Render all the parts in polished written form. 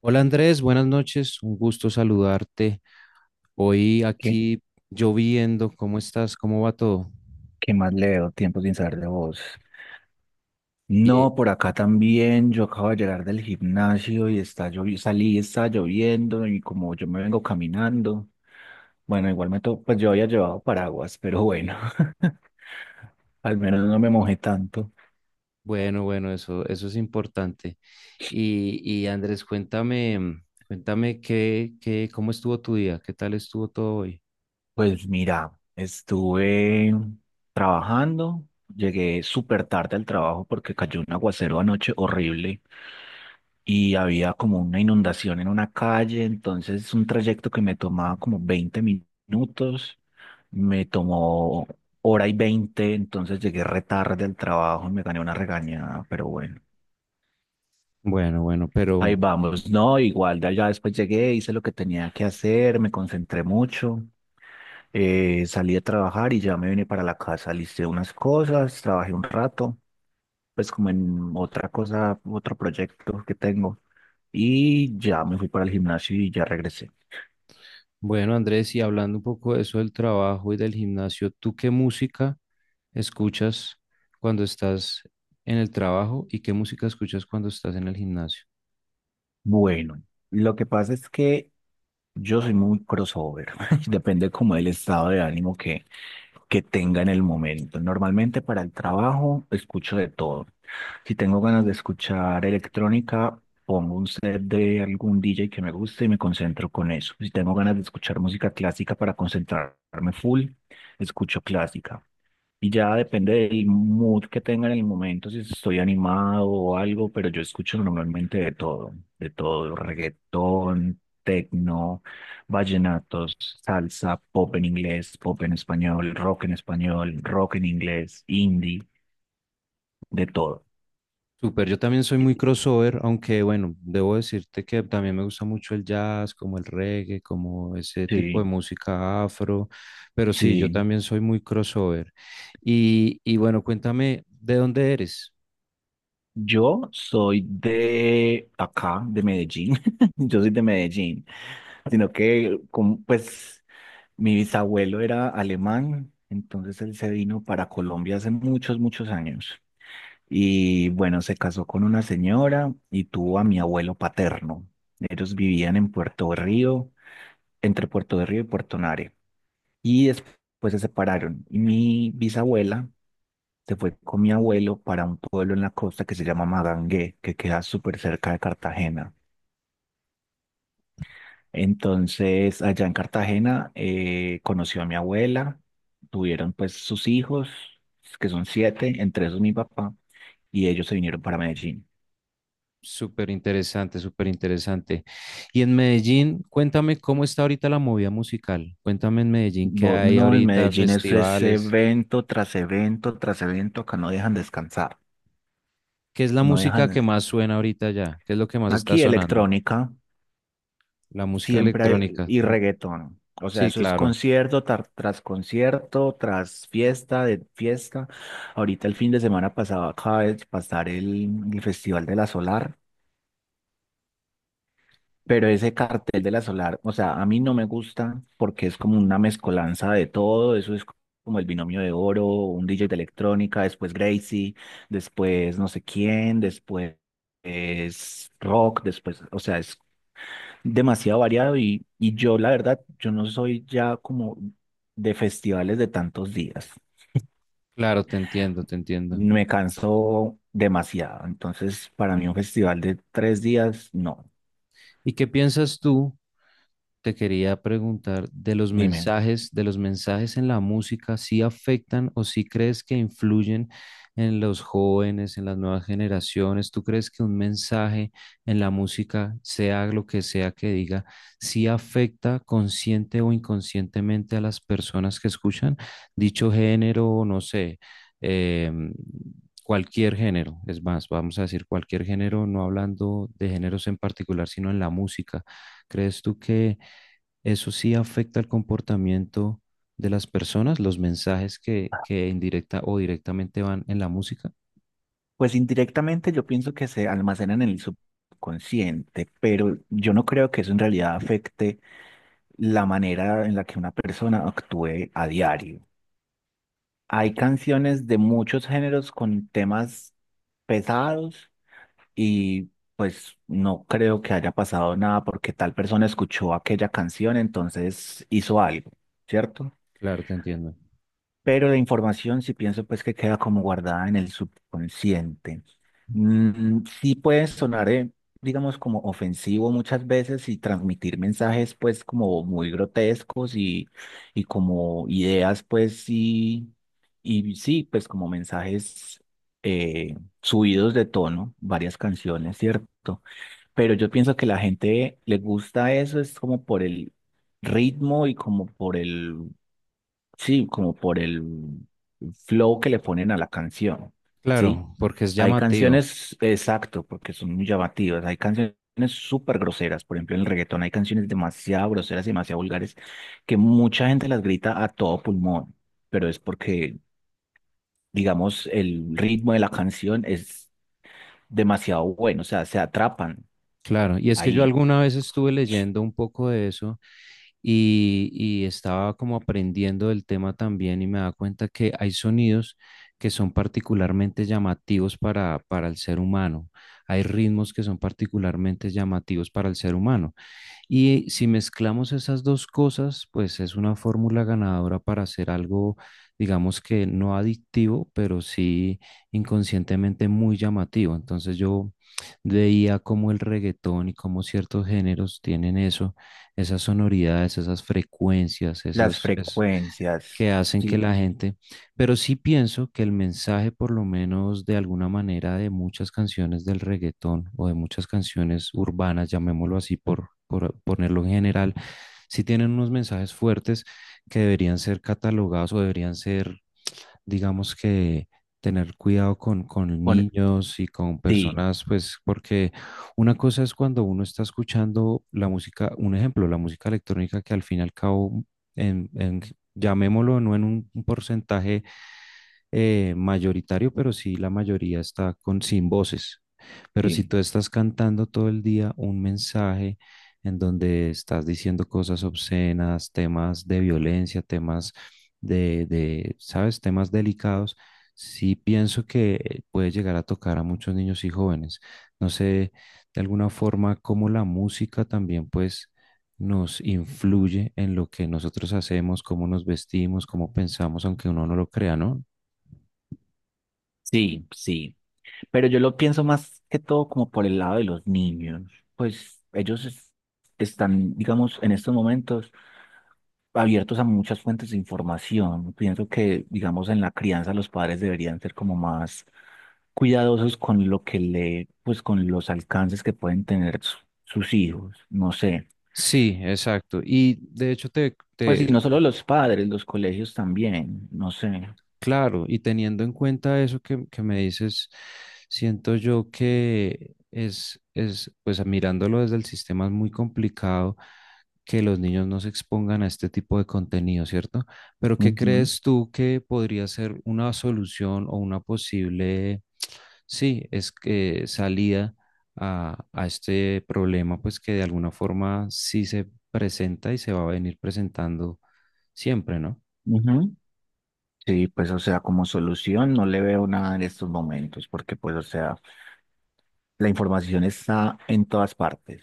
Hola Andrés, buenas noches, un gusto saludarte. Hoy ¿Qué, aquí lloviendo, ¿cómo estás? ¿Cómo va todo? qué más leo? Tiempo sin saber de vos. Bien. No, por acá también. Yo acabo de llegar del gimnasio y está lloviendo, salí, está lloviendo y como yo me vengo caminando, bueno, igual me to pues yo había llevado paraguas, pero bueno, al menos no me mojé tanto. Bueno, bueno, eso es importante. Y Andrés, cuéntame, cuéntame cómo estuvo tu día, qué tal estuvo todo hoy. Pues mira, estuve trabajando, llegué súper tarde al trabajo porque cayó un aguacero anoche horrible, y había como una inundación en una calle, entonces un trayecto que me tomaba como 20 minutos, me tomó hora y veinte, entonces llegué re tarde al trabajo y me gané una regañada, pero bueno. Bueno, bueno, pero Ahí vamos, no, igual, ya después llegué, hice lo que tenía que hacer, me concentré mucho, salí a trabajar y ya me vine para la casa, listé unas cosas, trabajé un rato, pues como en otra cosa, otro proyecto que tengo, y ya me fui para el gimnasio y ya regresé. bueno, Andrés, y hablando un poco de eso del trabajo y del gimnasio, ¿tú qué música escuchas cuando estás en el trabajo y qué música escuchas cuando estás en el gimnasio? Bueno, lo que pasa es que yo soy muy crossover, depende como del estado de ánimo que tenga en el momento. Normalmente para el trabajo escucho de todo. Si tengo ganas de escuchar electrónica, pongo un set de algún DJ que me guste y me concentro con eso. Si tengo ganas de escuchar música clásica para concentrarme full, escucho clásica. Y ya depende del mood que tenga en el momento, si estoy animado o algo, pero yo escucho normalmente de todo, reggaetón, tecno, vallenatos, salsa, pop en inglés, pop en español, rock en español, rock en inglés, indie, de todo. Súper, yo también soy muy crossover, aunque bueno, debo decirte que también me gusta mucho el jazz, como el reggae, como ese tipo de Sí, música afro, pero sí, yo sí. también soy muy crossover. Y bueno, cuéntame, ¿de dónde eres? Yo soy de acá, de Medellín. Yo soy de Medellín. Sino que, como, pues, mi bisabuelo era alemán, entonces él se vino para Colombia hace muchos, muchos años. Y bueno, se casó con una señora y tuvo a mi abuelo paterno. Ellos vivían en Puerto de Río, entre Puerto de Río y Puerto Nare. Y después se separaron. Y mi bisabuela se fue con mi abuelo para un pueblo en la costa que se llama Magangué, que queda súper cerca de Cartagena. Entonces, allá en Cartagena conoció a mi abuela, tuvieron pues sus hijos, que son siete, entre esos mi papá, y ellos se vinieron para Medellín. Súper interesante, súper interesante. Y en Medellín, cuéntame cómo está ahorita la movida musical. Cuéntame en Medellín qué hay No, en ahorita, Medellín eso es festivales, evento tras evento tras evento, acá no dejan descansar, qué es la no música que dejan... más suena ahorita ya, qué es lo que más está Aquí sonando, electrónica. la música Siempre hay, electrónica. y reggaetón. O sea, Sí, eso es claro. concierto tras concierto, tras fiesta de fiesta. Ahorita el fin de semana pasado acaba de pasar el Festival de la Solar, pero ese cartel de la Solar, o sea, a mí no me gusta porque es como una mezcolanza de todo. Eso es como el binomio de oro, un DJ de electrónica, después Gracie, después no sé quién, después es rock, después, o sea, es demasiado variado y yo la verdad, yo no soy ya como de festivales de tantos días. Claro, te entiendo, te entiendo. Me canso demasiado. Entonces, para mí un festival de 3 días, no. ¿Y qué piensas tú? Te quería preguntar Dime. De los mensajes en la música, si afectan o si crees que influyen en los jóvenes, en las nuevas generaciones. ¿Tú crees que un mensaje en la música, sea lo que sea que diga, si afecta consciente o inconscientemente a las personas que escuchan dicho género, no sé, em, cualquier género? Es más, vamos a decir cualquier género, no hablando de géneros en particular, sino en la música. ¿Crees tú que eso sí afecta el comportamiento de las personas, los mensajes que indirecta o directamente van en la música? Pues indirectamente yo pienso que se almacenan en el subconsciente, pero yo no creo que eso en realidad afecte la manera en la que una persona actúe a diario. Hay canciones de muchos géneros con temas pesados y pues no creo que haya pasado nada porque tal persona escuchó aquella canción, entonces hizo algo, ¿cierto? Claro, te entiendo. Pero la información sí pienso pues que queda como guardada en el subconsciente. Sí puede sonar, digamos, como ofensivo muchas veces y transmitir mensajes pues como muy grotescos y como ideas pues sí, y sí, pues como mensajes eh, subidos de tono, varias canciones, ¿cierto? Pero yo pienso que la gente le gusta eso, es como por el ritmo y como por el, sí, como por el flow que le ponen a la canción, ¿sí? Claro, porque es Hay llamativo. canciones, exacto, porque son muy llamativas, hay canciones súper groseras, por ejemplo, en el reggaetón hay canciones demasiado groseras y demasiado vulgares que mucha gente las grita a todo pulmón, pero es porque, digamos, el ritmo de la canción es demasiado bueno, o sea, se atrapan Claro, y es que yo ahí. alguna vez estuve leyendo un poco de eso y estaba como aprendiendo del tema también y me da cuenta que hay sonidos que son particularmente llamativos para el ser humano, hay ritmos que son particularmente llamativos para el ser humano. Y si mezclamos esas dos cosas, pues es una fórmula ganadora para hacer algo, digamos que no adictivo, pero sí inconscientemente muy llamativo. Entonces yo veía cómo el reggaetón y cómo ciertos géneros tienen eso, esas sonoridades, esas frecuencias, Las frecuencias, que hacen que sí, la gente, pero sí pienso que el mensaje, por lo menos de alguna manera, de muchas canciones del reggaetón o de muchas canciones urbanas, llamémoslo así por ponerlo en general, sí tienen unos mensajes fuertes que deberían ser catalogados o deberían ser digamos que tener cuidado con pone- niños y con sí, personas, pues porque una cosa es cuando uno está escuchando la música, un ejemplo, la música electrónica que al fin y al cabo, en, en- llamémoslo no en un porcentaje mayoritario, pero sí la mayoría está con sin voces. Pero si sí, tú estás cantando todo el día un mensaje en donde estás diciendo cosas obscenas, temas de violencia, temas ¿sabes? Temas delicados, sí pienso que puede llegar a tocar a muchos niños y jóvenes. No sé, de alguna forma, cómo la música también, pues, nos influye en lo que nosotros hacemos, cómo nos vestimos, cómo pensamos, aunque uno no lo crea, ¿no? sí, sí. Pero yo lo pienso más que todo como por el lado de los niños. Pues ellos están, digamos, en estos momentos abiertos a muchas fuentes de información. Pienso que, digamos, en la crianza los padres deberían ser como más cuidadosos con lo que le, pues con los alcances que pueden tener sus hijos. No sé. Sí, exacto. Y de hecho Pues y no solo los padres, los colegios también. No sé. claro, y teniendo en cuenta eso que me dices, siento yo que pues mirándolo desde el sistema es muy complicado que los niños no se expongan a este tipo de contenido, ¿cierto? Pero ¿qué crees tú que podría ser una solución o una posible, sí, es que salida a este problema, pues que de alguna forma sí se presenta y se va a venir presentando siempre, ¿no? Ujú. Sí, pues o sea, como solución no le veo nada en estos momentos, porque pues o sea, la información está en todas partes.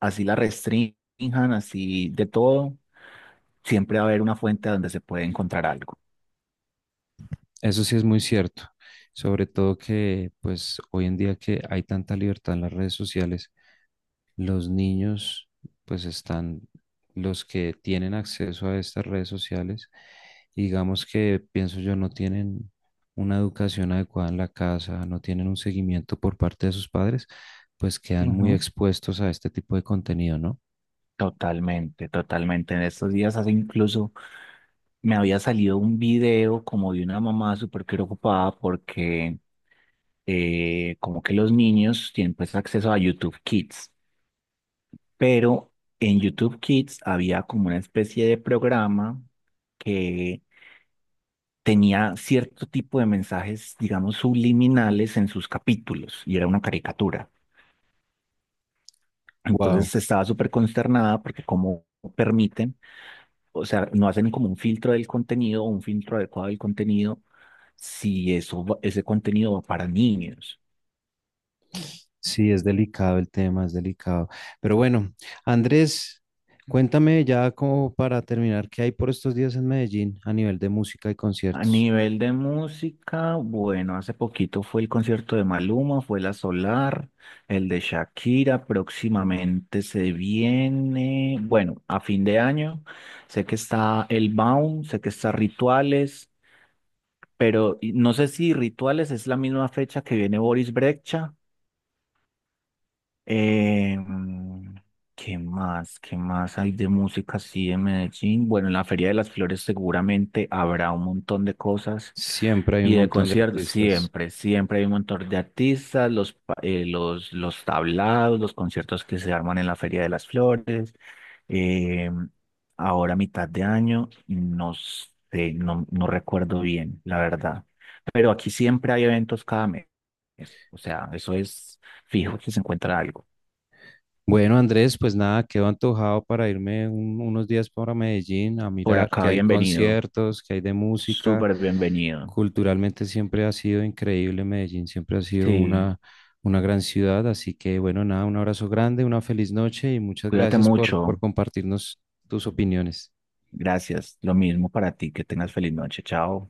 Así la restrinjan, así de todo, siempre va a haber una fuente donde se puede encontrar algo. Eso sí es muy cierto, sobre todo que pues hoy en día que hay tanta libertad en las redes sociales, los niños pues están, los que tienen acceso a estas redes sociales, digamos que pienso yo no tienen una educación adecuada en la casa, no tienen un seguimiento por parte de sus padres, pues quedan muy Ujú. expuestos a este tipo de contenido, ¿no? Totalmente, totalmente. En estos días hace incluso me había salido un video como de una mamá súper preocupada porque como que los niños tienen pues acceso a YouTube Kids. Pero en YouTube Kids había como una especie de programa que tenía cierto tipo de mensajes, digamos, subliminales en sus capítulos y era una caricatura. Wow. Entonces estaba súper consternada porque como permiten, o sea, no hacen como un filtro del contenido, un filtro adecuado del contenido, si eso, ese contenido va para niños. Sí, es delicado el tema, es delicado. Pero bueno, Andrés, cuéntame ya como para terminar, ¿qué hay por estos días en Medellín a nivel de música y A conciertos? nivel de música, bueno, hace poquito fue el concierto de Maluma, fue la Solar, el de Shakira, próximamente se viene, bueno, a fin de año, sé que está el Baum, sé que está Rituales, pero no sé si Rituales es la misma fecha que viene Boris Brejcha. Eh, mm, ¿Qué más? ¿Qué más hay de música así en Medellín? Bueno, en la Feria de las Flores seguramente habrá un montón de cosas. Siempre hay un Y de montón de conciertos, artistas. siempre, siempre hay un montón de artistas, los tablados, los conciertos que se arman en la Feria de las Flores. eh, ahora, a mitad de año, no sé, no recuerdo bien, la verdad. Pero aquí siempre hay eventos cada mes. O sea, eso es fijo que se encuentra algo. Bueno, Andrés, pues nada, quedo antojado para irme un- unos días para Medellín a Por mirar qué acá, hay bienvenido, conciertos, qué hay de música. súper bienvenido. Culturalmente siempre ha sido increíble Medellín, siempre ha sido Sí, una gran ciudad, así que bueno, nada, un abrazo grande, una feliz noche y muchas cuídate gracias por mucho. compartirnos tus opiniones. Gracias. Lo mismo para ti, que tengas feliz noche. Chao.